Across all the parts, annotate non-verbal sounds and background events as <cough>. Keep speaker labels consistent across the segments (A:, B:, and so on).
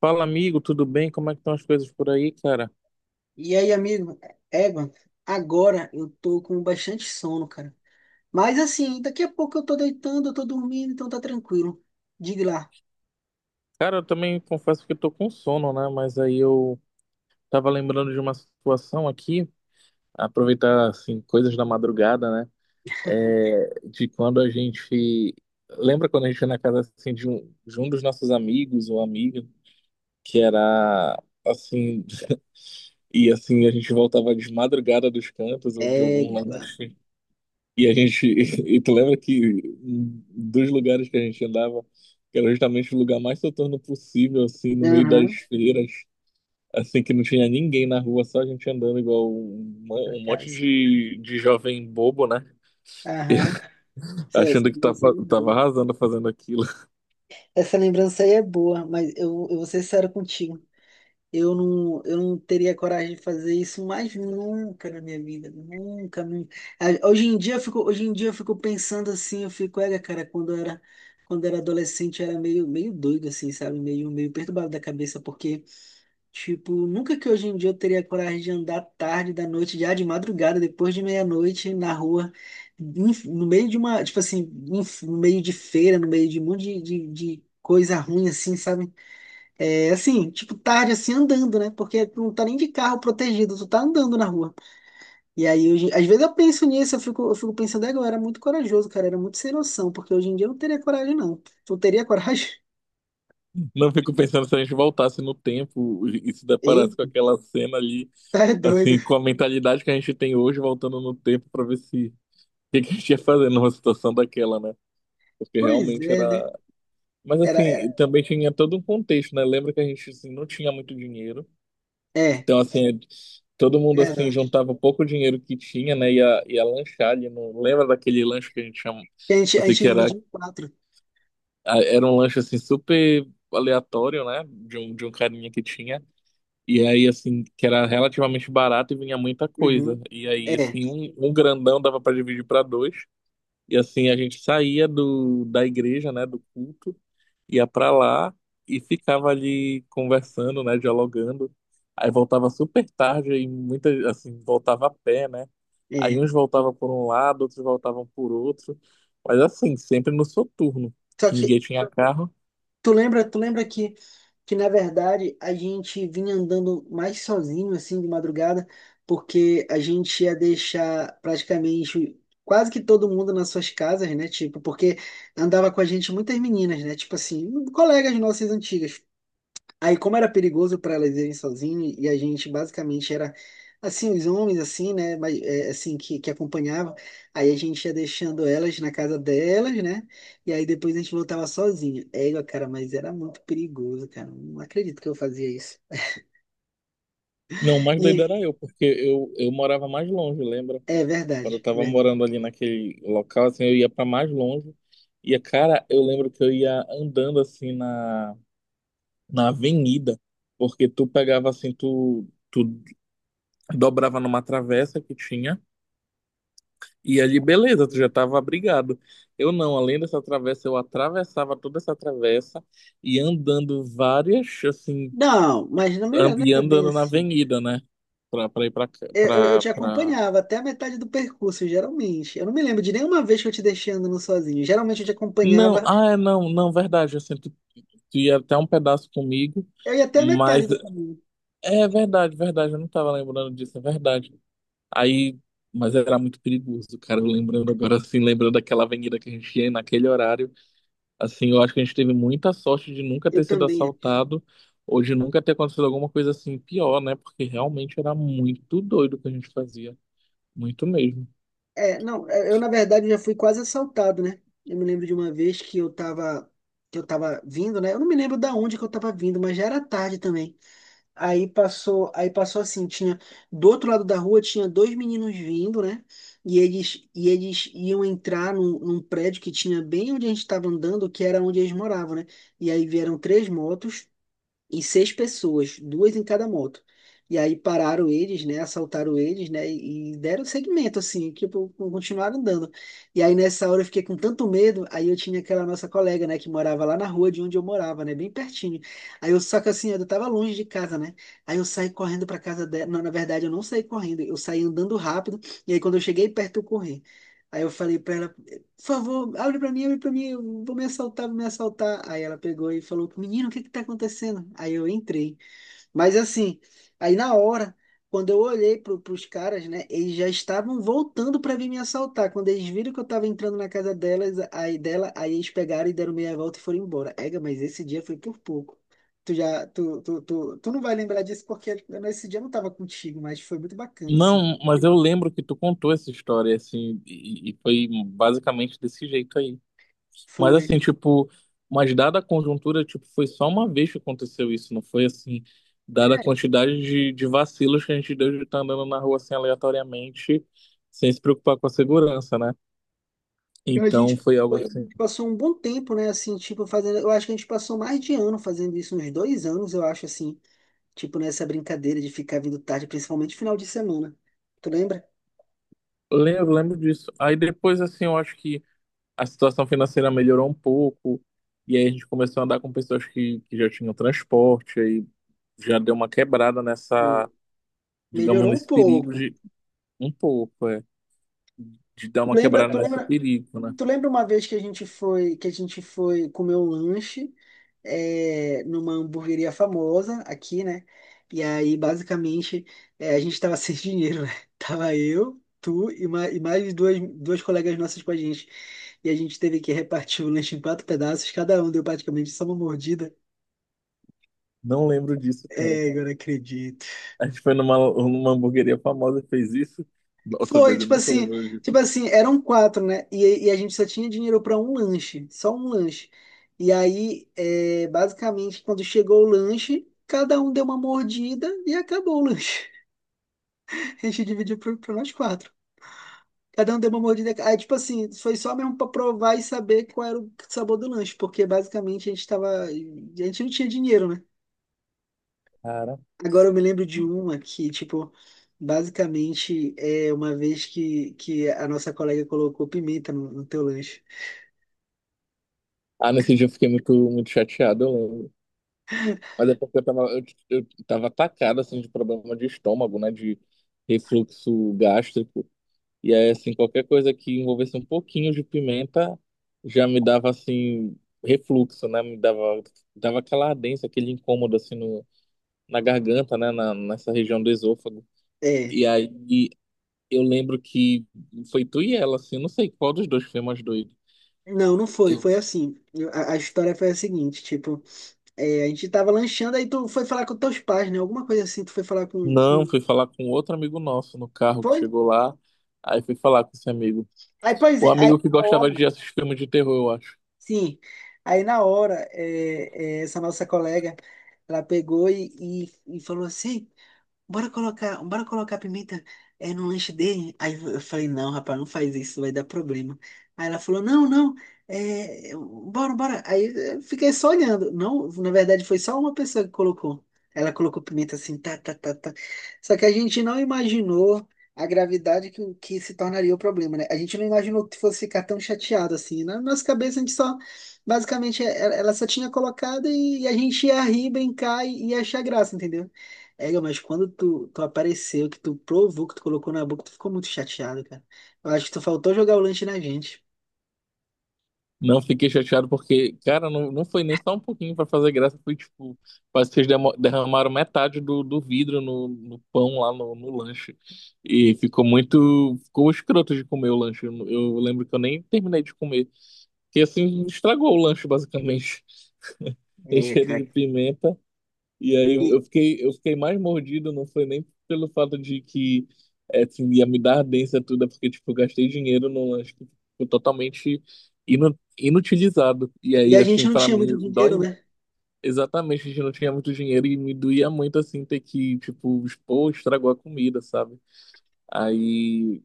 A: Fala, amigo, tudo bem? Como é que estão as coisas por aí, cara?
B: E aí, amigo, Evan, agora eu tô com bastante sono, cara. Mas assim, daqui a pouco eu tô deitando, eu tô dormindo, então tá tranquilo. Diga lá.
A: Cara, eu também confesso que eu tô com sono, né? Mas aí eu tava lembrando de uma situação aqui, aproveitar, assim, coisas da madrugada, né? É, de quando a gente... Lembra quando a gente ia na casa, assim, de um dos nossos amigos ou amiga, que era, assim... <laughs> E, assim, a gente voltava de madrugada dos cantos ou de algum lugar.
B: Égua.
A: E a gente, <laughs> e tu lembra que um dos lugares que a gente andava, que era justamente o lugar mais soturno possível, assim, no meio das
B: Aham.
A: feiras, assim, que não tinha ninguém na rua, só a gente andando igual um,
B: Égua,
A: um
B: cara.
A: monte de jovem bobo, né?
B: Aham.
A: <laughs>
B: Essa
A: achando que
B: lembrança
A: tava,
B: aí é
A: tava
B: boa.
A: arrasando fazendo aquilo.
B: Essa lembrança aí é boa, mas eu vou ser sério contigo. Eu não teria coragem de fazer isso mais nunca na minha vida, nunca. Ah, Hoje em dia eu fico, hoje em dia eu fico pensando assim, olha, cara, quando eu era adolescente eu era meio doido assim, sabe? Meio perturbado da cabeça, porque, tipo, nunca que hoje em dia eu teria coragem de andar tarde da noite, já de madrugada, depois de meia-noite, na rua, no meio de uma, tipo assim, no meio de feira, no meio de um monte de, de coisa ruim, assim, sabe? É assim, tipo, tarde assim andando, né? Porque tu não tá nem de carro protegido, tu tá andando na rua. E aí, hoje, às vezes eu penso nisso, eu fico pensando, "É, eu era muito corajoso, cara, era muito sem noção, porque hoje em dia eu não teria coragem, não. Tu teria coragem?" <laughs>
A: <laughs> Não fico pensando se a gente voltasse no tempo e se deparasse com
B: Eita,
A: aquela cena ali,
B: é doido.
A: assim, com a mentalidade que a gente tem hoje, voltando no tempo para ver se o que a gente ia fazer numa situação daquela, né? Porque
B: Pois
A: realmente
B: é, né?
A: era. Mas
B: Era, era-
A: assim, também tinha todo um contexto, né? Lembra que a gente assim, não tinha muito dinheiro.
B: É,
A: Então, assim, é, todo mundo assim
B: verdade.
A: juntava o pouco dinheiro que tinha, né? Ia lanchar ali. Não lembra daquele lanche que a gente chama,
B: E A gente, a
A: assim,
B: gente
A: que
B: dividia
A: era,
B: em quatro.
A: era um lanche assim super aleatório, né? De um carinha que tinha. E aí, assim, que era relativamente barato e vinha muita coisa.
B: Uhum.
A: E aí,
B: É,
A: assim, um grandão dava para dividir para dois. E assim, a gente saía do, da igreja, né, do culto, ia pra lá e ficava ali conversando, né, dialogando. Aí voltava super tarde e muita, assim, voltava a pé, né? Aí
B: é.
A: uns voltavam por um lado, outros voltavam por outro. Mas assim, sempre no soturno,
B: Só
A: que
B: que
A: ninguém tinha carro.
B: Tu lembra que na verdade a gente vinha andando mais sozinho assim de madrugada, porque a gente ia deixar praticamente quase que todo mundo nas suas casas, né? Tipo, porque andava com a gente muitas meninas, né? Tipo assim, colegas nossas antigas. Aí, como era perigoso para elas irem sozinhas, e a gente basicamente era assim, os homens, assim, né? Mas é, assim, que acompanhavam, aí a gente ia deixando elas na casa delas, né? E aí depois a gente voltava sozinho. É, cara, mas era muito perigoso, cara. Não acredito que eu fazia isso.
A: Não, o mais doido
B: E
A: era eu, porque eu morava mais longe, lembra?
B: é
A: Quando eu
B: verdade,
A: tava
B: verdade.
A: morando ali naquele local, assim, eu ia pra mais longe. E, cara, eu lembro que eu ia andando assim na avenida, porque tu pegava assim, tu dobrava numa travessa que tinha, e ali beleza, tu já tava abrigado. Eu não, além dessa travessa, eu atravessava toda essa travessa e andando várias, assim,
B: Não, mas não era não
A: e
B: era bem
A: andando na
B: assim.
A: avenida, né? Pra ir pra,
B: Eu te
A: pra...
B: acompanhava até a metade do percurso, geralmente. Eu não me lembro de nenhuma vez que eu te deixei andando sozinho. Geralmente eu te
A: Não,
B: acompanhava,
A: ah, é, não, não, verdade, assim, tu, tu ia até um pedaço comigo,
B: eu ia até a
A: mas
B: metade do caminho.
A: é verdade, verdade, eu não tava lembrando disso, é verdade. Aí, mas era muito perigoso, cara. Eu lembrando agora, assim, lembrando daquela avenida que a gente ia naquele horário, assim, eu acho que a gente teve muita sorte de nunca
B: Eu
A: ter sido
B: também acho.
A: assaltado ou de nunca ter acontecido alguma coisa assim pior, né? Porque realmente era muito doido o que a gente fazia, muito mesmo.
B: É, não, é, eu na verdade já fui quase assaltado, né? Eu me lembro de uma vez que eu tava, vindo, né? Eu não me lembro da onde que eu tava vindo, mas já era tarde também. Aí passou assim, tinha do outro lado da rua tinha dois meninos vindo, né? E eles iam entrar num prédio que tinha bem onde a gente estava andando, que era onde eles moravam, né? E aí vieram três motos e seis pessoas, duas em cada moto. E aí pararam eles, né? Assaltaram eles, né? E deram seguimento, assim, que tipo, continuaram andando. E aí nessa hora eu fiquei com tanto medo, aí eu tinha aquela nossa colega, né, que morava lá na rua de onde eu morava, né? Bem pertinho. Só que assim, eu tava longe de casa, né? Aí eu saí correndo pra casa dela. Não, na verdade, eu não saí correndo, eu saí andando rápido. E aí quando eu cheguei perto, eu corri. Aí eu falei pra ela, por favor, abre pra mim, eu vou me assaltar, vou me assaltar. Aí ela pegou e falou, menino, o que que tá acontecendo? Aí eu entrei. Mas assim, aí na hora, quando eu olhei pros caras, né, eles já estavam voltando pra vir me assaltar. Quando eles viram que eu tava entrando na casa delas, aí dela, aí eles pegaram e deram meia volta e foram embora. Ega, mas esse dia foi por pouco. Tu já, tu, tu, tu, tu não vai lembrar disso porque nesse dia eu não tava contigo, mas foi muito bacana, assim.
A: Não, mas eu lembro que tu contou essa história, assim, e foi basicamente desse jeito aí. Mas
B: Foi.
A: assim, tipo, mas dada a conjuntura, tipo, foi só uma vez que aconteceu isso, não foi assim, dada a
B: É.
A: quantidade de vacilos que a gente deu de estar andando na rua assim aleatoriamente, sem se preocupar com a segurança, né?
B: A
A: Então
B: gente
A: foi
B: a
A: algo assim.
B: gente passou um bom tempo, né? Assim, tipo, fazendo. Eu acho que a gente passou mais de ano fazendo isso, uns 2 anos, eu acho, assim. Tipo, nessa brincadeira de ficar vindo tarde, principalmente final de semana. Tu lembra?
A: Lembro, lembro disso. Aí depois, assim, eu acho que a situação financeira melhorou um pouco, e aí a gente começou a andar com pessoas que já tinham transporte, aí já deu uma quebrada
B: Sim.
A: nessa, digamos,
B: Melhorou um
A: nesse perigo
B: pouco.
A: de um pouco, é, de dar
B: Tu
A: uma
B: lembra,
A: quebrada
B: tu
A: nesse
B: lembra,
A: perigo, né?
B: tu lembra uma vez que a gente foi comer um lanche é, numa hamburgueria famosa aqui, né? E aí, basicamente, é, a gente tava sem <laughs> dinheiro, né? Tava eu, tu e mais duas colegas nossas com a gente. E a gente teve que repartir o lanche em quatro pedaços, cada um deu praticamente só uma mordida.
A: Não lembro disso, cara.
B: É, agora acredito.
A: A gente foi numa, numa hamburgueria famosa e fez isso. Nossa,
B: Foi,
A: velho, eu
B: tipo
A: não tô
B: assim,
A: lembrando disso.
B: eram quatro, né? E a gente só tinha dinheiro para um lanche, só um lanche. E aí, é, basicamente, quando chegou o lanche, cada um deu uma mordida e acabou o lanche. <laughs> A gente dividiu para nós quatro. Cada um deu uma mordida. Aí, tipo assim, foi só mesmo para provar e saber qual era o sabor do lanche, porque basicamente a gente não tinha dinheiro, né?
A: Cara.
B: Agora eu me lembro de uma que, tipo, basicamente é uma vez que a nossa colega colocou pimenta no teu lanche.
A: Ah, nesse dia eu fiquei muito, muito chateado, eu lembro. Mas é porque eu tava atacado, assim, de problema de estômago, né? De refluxo gástrico. E aí, assim, qualquer coisa que envolvesse um pouquinho de pimenta já me dava, assim, refluxo, né? Me dava, dava aquela ardência, aquele incômodo, assim, no, na garganta, né? Na, nessa região do esôfago.
B: É.
A: E aí. Eu lembro que foi tu e ela, assim, eu não sei qual dos dois foi mais doido.
B: Não, não foi.
A: Eu
B: Foi assim. A história foi a seguinte, tipo, é, a gente tava lanchando, aí tu foi falar com teus pais, né? Alguma coisa assim, tu foi falar com,
A: não
B: com...
A: fui falar com outro amigo nosso no carro que
B: Foi?
A: chegou lá, aí fui falar com esse amigo.
B: Aí, pois
A: O
B: é, aí
A: amigo que
B: na
A: gostava
B: hora,
A: de assistir filme de terror, eu acho.
B: sim. Aí na hora, essa nossa colega, ela pegou e falou assim. Bora colocar pimenta no lanche dele. Aí eu falei, não, rapaz, não faz isso, vai dar problema. Aí ela falou, não, não, é, bora, bora. Aí eu fiquei só olhando. Não, na verdade foi só uma pessoa que colocou. Ela colocou pimenta assim, tá, tá, tá, tá. Só que a gente não imaginou a gravidade que se tornaria o problema, né? A gente não imaginou que fosse ficar tão chateado assim. Na nossa cabeça a gente só, basicamente, ela só tinha colocado e a gente ia rir, brincar e achar graça, entendeu? É, mas quando tu apareceu, que tu provou, que tu colocou na boca, tu ficou muito chateado, cara. Eu acho que tu faltou jogar o lanche na gente.
A: Não fiquei chateado porque, cara, não, não foi nem só um pouquinho pra fazer graça, foi tipo, parece que vocês derramaram metade do, do vidro no, no pão lá no, no lanche. E ficou muito, ficou escroto de comer o lanche. Eu lembro que eu nem terminei de comer, porque assim estragou o lanche basicamente. Tem cheiro de pimenta. E aí eu fiquei, eu fiquei mais mordido, não foi nem pelo fato de que é, assim, ia me dar ardência tudo, é porque tipo, eu gastei dinheiro num lanche que ficou totalmente inutilizado. E
B: E
A: aí,
B: a gente
A: assim,
B: não
A: pra
B: tinha
A: mim,
B: muito dinheiro,
A: dói
B: né?
A: exatamente, a gente não tinha muito dinheiro e me doía muito, assim, ter que, tipo, expor, estragou a comida, sabe? Aí.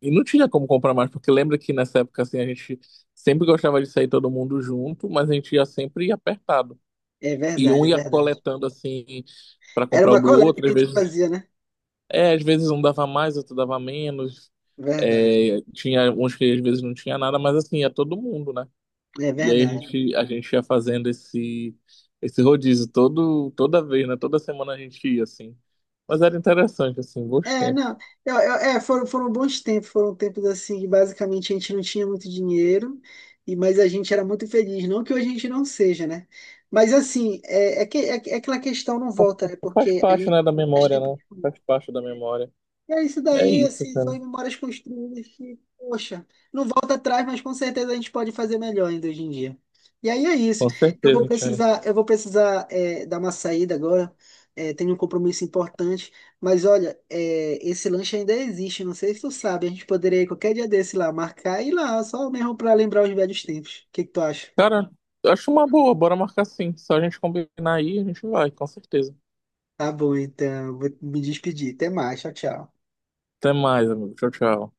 A: E não tinha como comprar mais, porque lembra que nessa época, assim, a gente sempre gostava de sair todo mundo junto, mas a gente ia sempre apertado.
B: É
A: E
B: verdade,
A: um
B: é
A: ia
B: verdade.
A: coletando assim para
B: Era
A: comprar o
B: uma
A: do
B: coleta
A: outro,
B: que a
A: às
B: gente
A: vezes,
B: fazia, né?
A: é, às vezes um dava mais, outro dava menos.
B: Verdade,
A: É, tinha uns que às vezes não tinha nada, mas assim, ia todo mundo, né? E aí a
B: verdade.
A: gente, a gente ia fazendo esse esse rodízio todo toda vez, né? Toda semana a gente ia assim. Mas era interessante assim, bons
B: É,
A: tempos.
B: não, é, foram bons tempos, foram tempos assim que basicamente a gente não tinha muito dinheiro, e mas a gente era muito feliz. Não que hoje a gente não seja, né? Mas assim, é aquela questão não volta, né?
A: Faz
B: Porque a
A: parte,
B: gente
A: né, da
B: faz
A: memória,
B: tempo.
A: né? Faz parte da memória.
B: E é isso
A: É
B: daí,
A: isso,
B: assim, são
A: cara.
B: memórias construídas que, poxa, não volta atrás, mas com certeza a gente pode fazer melhor ainda hoje em dia. E aí é isso.
A: Com
B: Eu vou
A: certeza, cara.
B: precisar, eu vou precisar dar uma saída agora. É, tenho um compromisso importante. Mas olha, esse lanche ainda existe. Não sei se tu sabe. A gente poderia ir qualquer dia desse lá, marcar e ir lá, só mesmo para lembrar os velhos tempos. O que que tu acha?
A: Cara, eu acho uma boa, bora marcar sim. Só a gente combinar aí, a gente vai, com certeza.
B: Tá bom, então. Vou me despedir. Até mais. Tchau, tchau.
A: Até mais, amigo. Tchau, tchau.